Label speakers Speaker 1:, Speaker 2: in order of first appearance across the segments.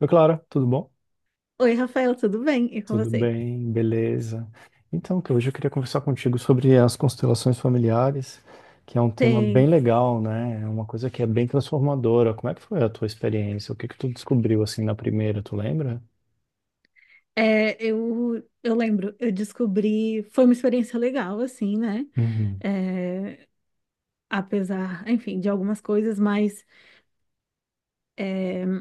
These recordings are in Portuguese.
Speaker 1: Oi, Clara, tudo bom?
Speaker 2: Oi, Rafael, tudo bem? E com
Speaker 1: Tudo
Speaker 2: você?
Speaker 1: bem, beleza. Então, que hoje eu queria conversar contigo sobre as constelações familiares, que é um tema bem
Speaker 2: Sim.
Speaker 1: legal, né? É uma coisa que é bem transformadora. Como é que foi a tua experiência? O que que tu descobriu assim na primeira, tu lembra?
Speaker 2: É, eu lembro, eu descobri, foi uma experiência legal, assim, né?
Speaker 1: Uhum.
Speaker 2: É, apesar, enfim, de algumas coisas, mas é,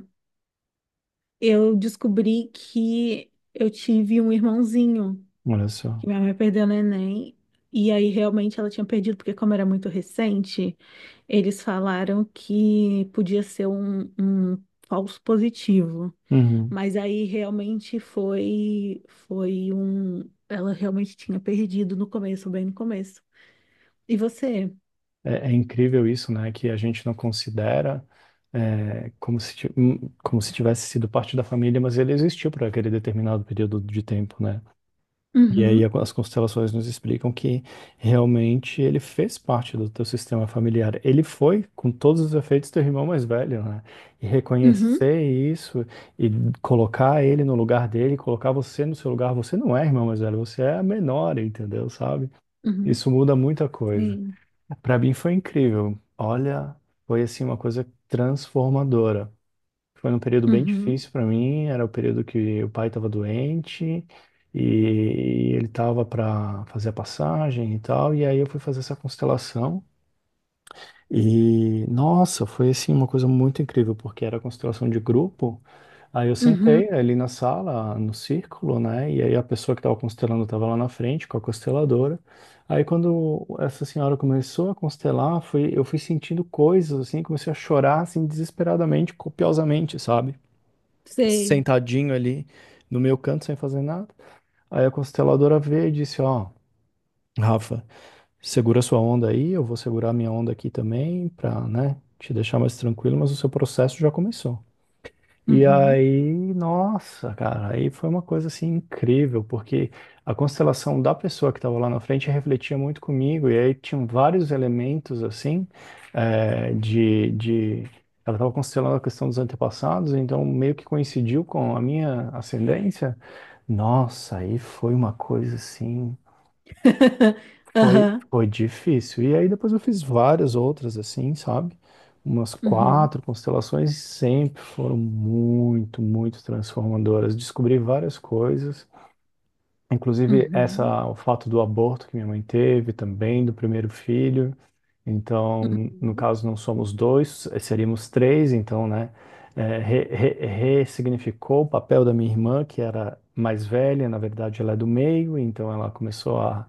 Speaker 2: eu descobri que eu tive um irmãozinho,
Speaker 1: Olha só.
Speaker 2: que minha mãe perdeu no Enem. E aí realmente ela tinha perdido, porque como era muito recente, eles falaram que podia ser um falso positivo.
Speaker 1: Uhum.
Speaker 2: Mas aí realmente foi um, ela realmente tinha perdido no começo, bem no começo. E você?
Speaker 1: É, é incrível isso, né? Que a gente não considera como se, como se tivesse sido parte da família, mas ele existiu para aquele determinado período de tempo, né? E aí
Speaker 2: Uhum,
Speaker 1: as constelações nos explicam que realmente ele fez parte do teu sistema familiar. Ele foi, com todos os efeitos, teu irmão mais velho, né? E
Speaker 2: uhum,
Speaker 1: reconhecer isso e colocar ele no lugar dele, colocar você no seu lugar, você não é irmão mais velho, você é a menor, entendeu? Sabe?
Speaker 2: uhum,
Speaker 1: Isso muda muita coisa.
Speaker 2: sim.
Speaker 1: Para mim foi incrível. Olha, foi assim uma coisa transformadora. Foi um período bem
Speaker 2: Uhum,
Speaker 1: difícil para mim. Era o período que o pai estava doente e ele estava para fazer a passagem e tal. E aí eu fui fazer essa constelação. E nossa, foi assim uma coisa muito incrível, porque era constelação de grupo. Aí eu
Speaker 2: uhum,
Speaker 1: sentei ali na sala, no círculo, né? E aí a pessoa que estava constelando estava lá na frente com a consteladora. Aí quando essa senhora começou a constelar, foi, eu fui sentindo coisas assim, comecei a chorar assim desesperadamente, copiosamente, sabe?
Speaker 2: sei.
Speaker 1: Sentadinho ali no meu canto, sem fazer nada. Aí a consteladora veio e disse, ó, Rafa, segura sua onda aí, eu vou segurar minha onda aqui também, pra, né, te deixar mais tranquilo, mas o seu processo já começou. E
Speaker 2: Uhum.
Speaker 1: aí, nossa, cara, aí foi uma coisa assim incrível, porque a constelação da pessoa que estava lá na frente refletia muito comigo, e aí tinham vários elementos assim, eh, de, de... Ela estava constelando a questão dos antepassados, então meio que coincidiu com a minha ascendência. Nossa, aí foi uma coisa assim. Foi,
Speaker 2: Aham.
Speaker 1: foi difícil. E aí depois eu fiz várias outras assim, sabe? Umas
Speaker 2: Uhum,
Speaker 1: quatro constelações sempre foram muito, muito transformadoras. Descobri várias coisas, inclusive
Speaker 2: uhum,
Speaker 1: essa, o fato do aborto que minha mãe teve também, do primeiro filho. Então, no
Speaker 2: uhum,
Speaker 1: caso, não somos dois, seríamos três, então, né? Ressignificou o papel da minha irmã, que era mais velha, na verdade ela é do meio, então ela começou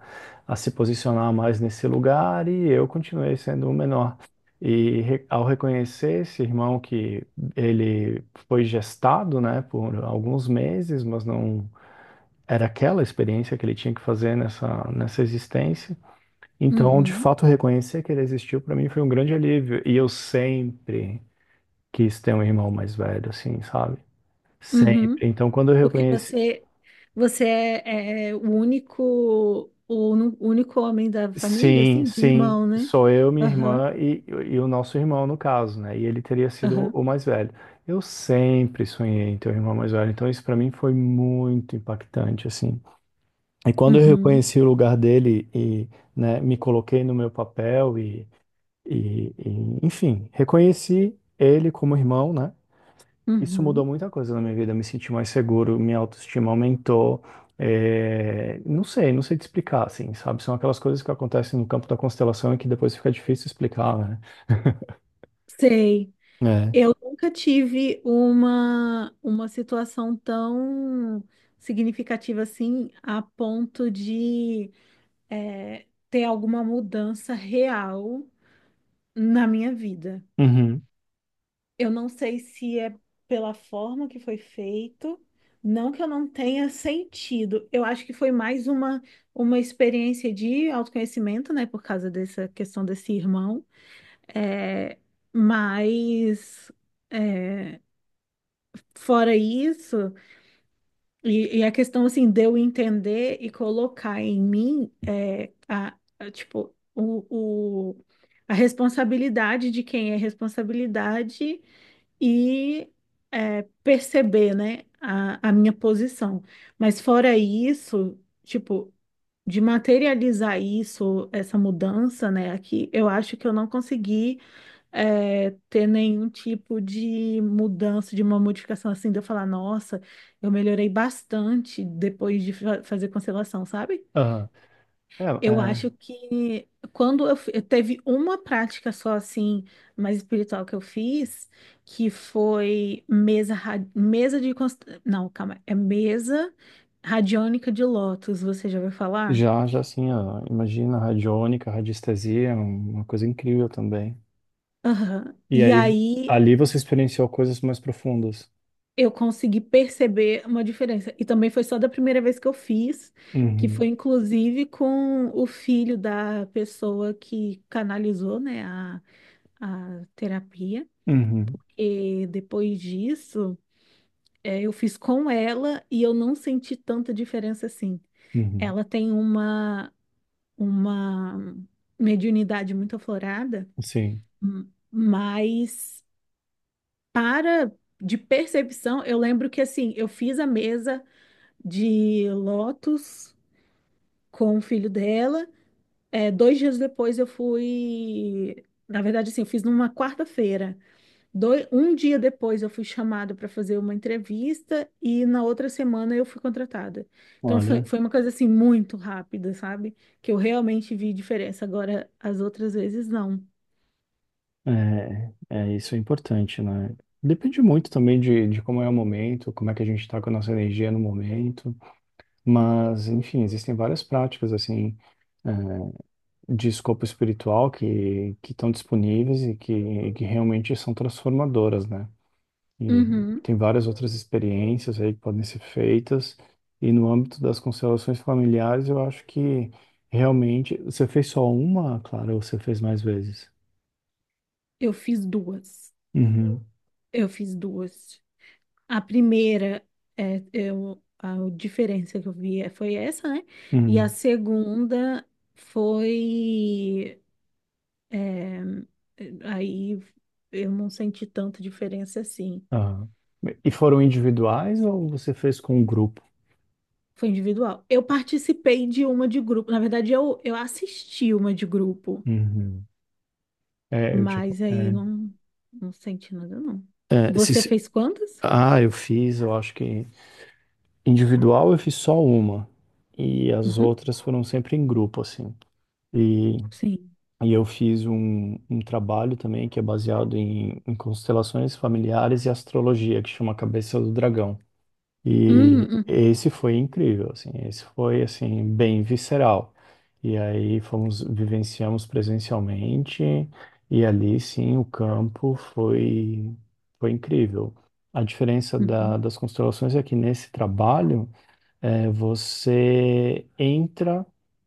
Speaker 1: a se posicionar mais nesse lugar e eu continuei sendo o menor. E ao reconhecer esse irmão que ele foi gestado, né, por alguns meses, mas não era aquela experiência que ele tinha que fazer nessa existência, então, de
Speaker 2: uhum,
Speaker 1: fato, reconhecer que ele existiu para mim foi um grande alívio. E eu sempre quis ter um irmão mais velho, assim, sabe? Sempre.
Speaker 2: uhum.
Speaker 1: Então, quando eu
Speaker 2: Porque
Speaker 1: reconheci.
Speaker 2: você é o único homem da família,
Speaker 1: Sim,
Speaker 2: assim, de
Speaker 1: sim,
Speaker 2: irmão, né?
Speaker 1: sou eu, minha
Speaker 2: Aham,
Speaker 1: irmã e o nosso irmão, no caso, né? E ele teria sido
Speaker 2: aham.
Speaker 1: o mais velho. Eu sempre sonhei em ter um irmão mais velho. Então, isso para mim foi muito impactante, assim. E quando eu
Speaker 2: Uhum,
Speaker 1: reconheci o lugar dele né, me coloquei no meu papel e enfim, reconheci ele como irmão, né? Isso mudou
Speaker 2: uhum.
Speaker 1: muita coisa na minha vida. Eu me senti mais seguro, minha autoestima aumentou. É, não sei, não sei te explicar, assim, sabe? São aquelas coisas que acontecem no campo da constelação e que depois fica difícil explicar, né?
Speaker 2: Sei.
Speaker 1: É.
Speaker 2: Eu nunca tive uma situação tão significativa assim, a ponto de ter alguma mudança real na minha vida.
Speaker 1: Uhum.
Speaker 2: Eu não sei se é pela forma que foi feito, não que eu não tenha sentido. Eu acho que foi mais uma, experiência de autoconhecimento, né, por causa dessa questão desse irmão, é, mas. eh, Fora isso, e a questão assim de eu entender e colocar em mim é, a, tipo a responsabilidade de quem é responsabilidade e é, perceber, né, a minha posição. Mas fora isso, tipo, de materializar isso, essa mudança, né, aqui, eu acho que eu não consegui é, ter nenhum tipo de mudança, de uma modificação assim, de eu falar, nossa, eu melhorei bastante depois de fazer constelação, sabe?
Speaker 1: Aham.
Speaker 2: Eu
Speaker 1: É,
Speaker 2: acho que quando eu teve uma prática só assim, mais espiritual que eu fiz, que foi mesa, não, calma, é mesa radiônica de lótus, você já ouviu
Speaker 1: é,
Speaker 2: falar?
Speaker 1: já, já assim, ó, imagina radiônica, radiestesia, é um, uma coisa incrível também.
Speaker 2: Aham.
Speaker 1: E
Speaker 2: E
Speaker 1: aí,
Speaker 2: aí
Speaker 1: ali você experienciou coisas mais profundas.
Speaker 2: eu consegui perceber uma diferença. E também foi só da primeira vez que eu fiz, que
Speaker 1: Uhum.
Speaker 2: foi inclusive com o filho da pessoa que canalizou, né, a, terapia.
Speaker 1: Uhum.
Speaker 2: E depois disso, é, eu fiz com ela e eu não senti tanta diferença assim.
Speaker 1: Uhum.
Speaker 2: Ela tem uma mediunidade muito aflorada,
Speaker 1: Sim.
Speaker 2: mas para de percepção, eu lembro que assim, eu fiz a mesa de Lotus com o filho dela. É, dois dias depois eu fui. Na verdade, assim, eu fiz numa quarta-feira. Um dia depois eu fui chamada para fazer uma entrevista e na outra semana eu fui contratada. Então foi,
Speaker 1: Olha.
Speaker 2: foi uma coisa assim muito rápida, sabe? Que eu realmente vi diferença. Agora, as outras vezes, não.
Speaker 1: É, é, isso é importante, né? Depende muito também de como é o momento, como é que a gente está com a nossa energia no momento, mas, enfim, existem várias práticas, assim, é, de escopo espiritual que estão disponíveis que realmente são transformadoras, né? E
Speaker 2: Uhum.
Speaker 1: tem várias outras experiências aí que podem ser feitas, e no âmbito das constelações familiares, eu acho que realmente, você fez só uma, Clara, ou você fez mais vezes?
Speaker 2: Eu fiz duas.
Speaker 1: Uhum.
Speaker 2: Eu fiz duas. A primeira, é, a diferença que eu vi foi essa, né? E a
Speaker 1: Uhum.
Speaker 2: segunda foi, é, aí eu não senti tanta diferença assim.
Speaker 1: Ah, e foram individuais ou você fez com um grupo?
Speaker 2: Foi individual. Eu participei de uma de grupo. Na verdade, eu assisti uma de grupo,
Speaker 1: Uhum. É, eu tipo,
Speaker 2: mas aí
Speaker 1: é,
Speaker 2: não, não senti nada, não.
Speaker 1: é, se-
Speaker 2: Você
Speaker 1: se-
Speaker 2: fez quantas?
Speaker 1: ah, Eu fiz, eu acho que individual eu fiz só uma e as
Speaker 2: Uhum,
Speaker 1: outras foram sempre em grupo, assim. E,
Speaker 2: sim.
Speaker 1: e eu fiz um, um trabalho também que é baseado em constelações familiares e astrologia, que chama Cabeça do Dragão. E
Speaker 2: Uhum,
Speaker 1: esse foi incrível, assim, esse foi assim bem visceral. E aí fomos vivenciamos presencialmente e ali sim o campo foi foi incrível. A diferença
Speaker 2: uhum,
Speaker 1: das constelações é que nesse trabalho você entra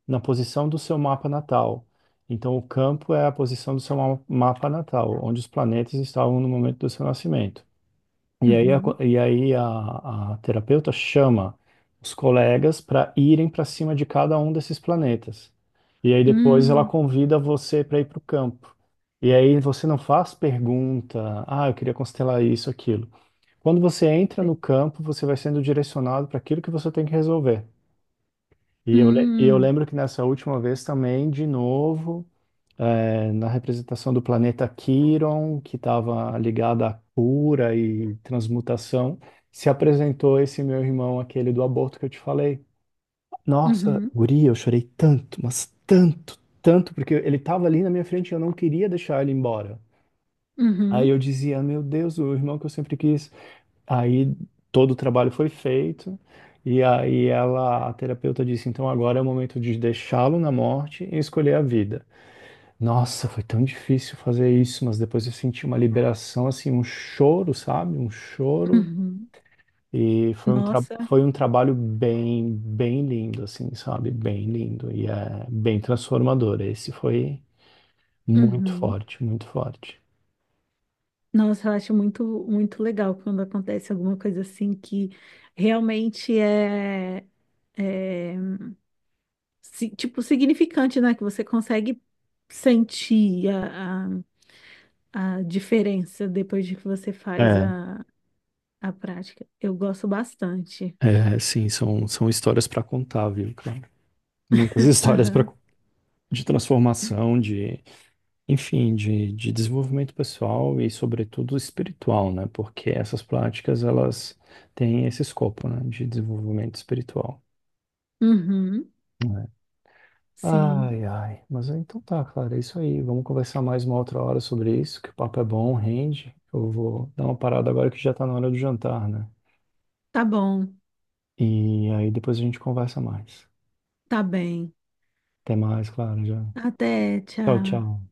Speaker 1: na posição do seu mapa natal. Então o campo é a posição do seu mapa natal, onde os planetas estavam no momento do seu nascimento. E aí, a, co-
Speaker 2: uhum,
Speaker 1: e aí a terapeuta chama os colegas para irem para cima de cada um desses planetas. E aí depois ela
Speaker 2: hum,
Speaker 1: convida você para ir para o campo. E aí você não faz pergunta, ah, eu queria constelar isso, aquilo. Quando você entra
Speaker 2: sei.
Speaker 1: no campo, você vai sendo direcionado para aquilo que você tem que resolver. E eu
Speaker 2: Hum,
Speaker 1: lembro que nessa última vez também, de novo na representação do planeta Quiron, que estava ligado à cura e transmutação, se apresentou esse meu irmão, aquele do aborto que eu te falei. Nossa,
Speaker 2: uhum.
Speaker 1: guria, eu chorei tanto, mas tanto, tanto, porque ele estava ali na minha frente e eu não queria deixar ele embora. Aí eu
Speaker 2: Uhum,
Speaker 1: dizia, meu Deus, o irmão que eu sempre quis. Aí todo o trabalho foi feito. E aí ela, a terapeuta disse, então agora é o momento de deixá-lo na morte e escolher a vida. Nossa, foi tão difícil fazer isso, mas depois eu senti uma liberação, assim, um choro, sabe? Um choro.
Speaker 2: uhum.
Speaker 1: E foi um, tra
Speaker 2: Nossa,
Speaker 1: foi um trabalho bem, bem lindo, assim, sabe? Bem lindo. E é bem transformador. Esse foi muito
Speaker 2: uhum.
Speaker 1: forte, muito forte.
Speaker 2: Nossa, eu acho muito, muito legal quando acontece alguma coisa assim que realmente é, tipo, significante, né? Que você consegue sentir a, a diferença depois de que você faz
Speaker 1: É,
Speaker 2: a prática. Eu gosto bastante.
Speaker 1: sim, são, são histórias para contar, viu, cara? Muitas histórias pra,
Speaker 2: Aham.
Speaker 1: de transformação, de enfim, de desenvolvimento pessoal e, sobretudo, espiritual, né? Porque essas práticas, elas têm esse escopo, né? De desenvolvimento espiritual.
Speaker 2: Uhum.
Speaker 1: Né?
Speaker 2: Sim.
Speaker 1: Ai, ai. Mas ah, então tá, Clara, é isso aí. Vamos conversar mais uma outra hora sobre isso, que o papo é bom, rende. Eu vou dar uma parada agora que já tá na hora do jantar, né?
Speaker 2: Tá bom.
Speaker 1: E aí depois a gente conversa mais.
Speaker 2: Tá bem.
Speaker 1: Até mais, Clara, já.
Speaker 2: Até,
Speaker 1: Tchau,
Speaker 2: tchau.
Speaker 1: tchau.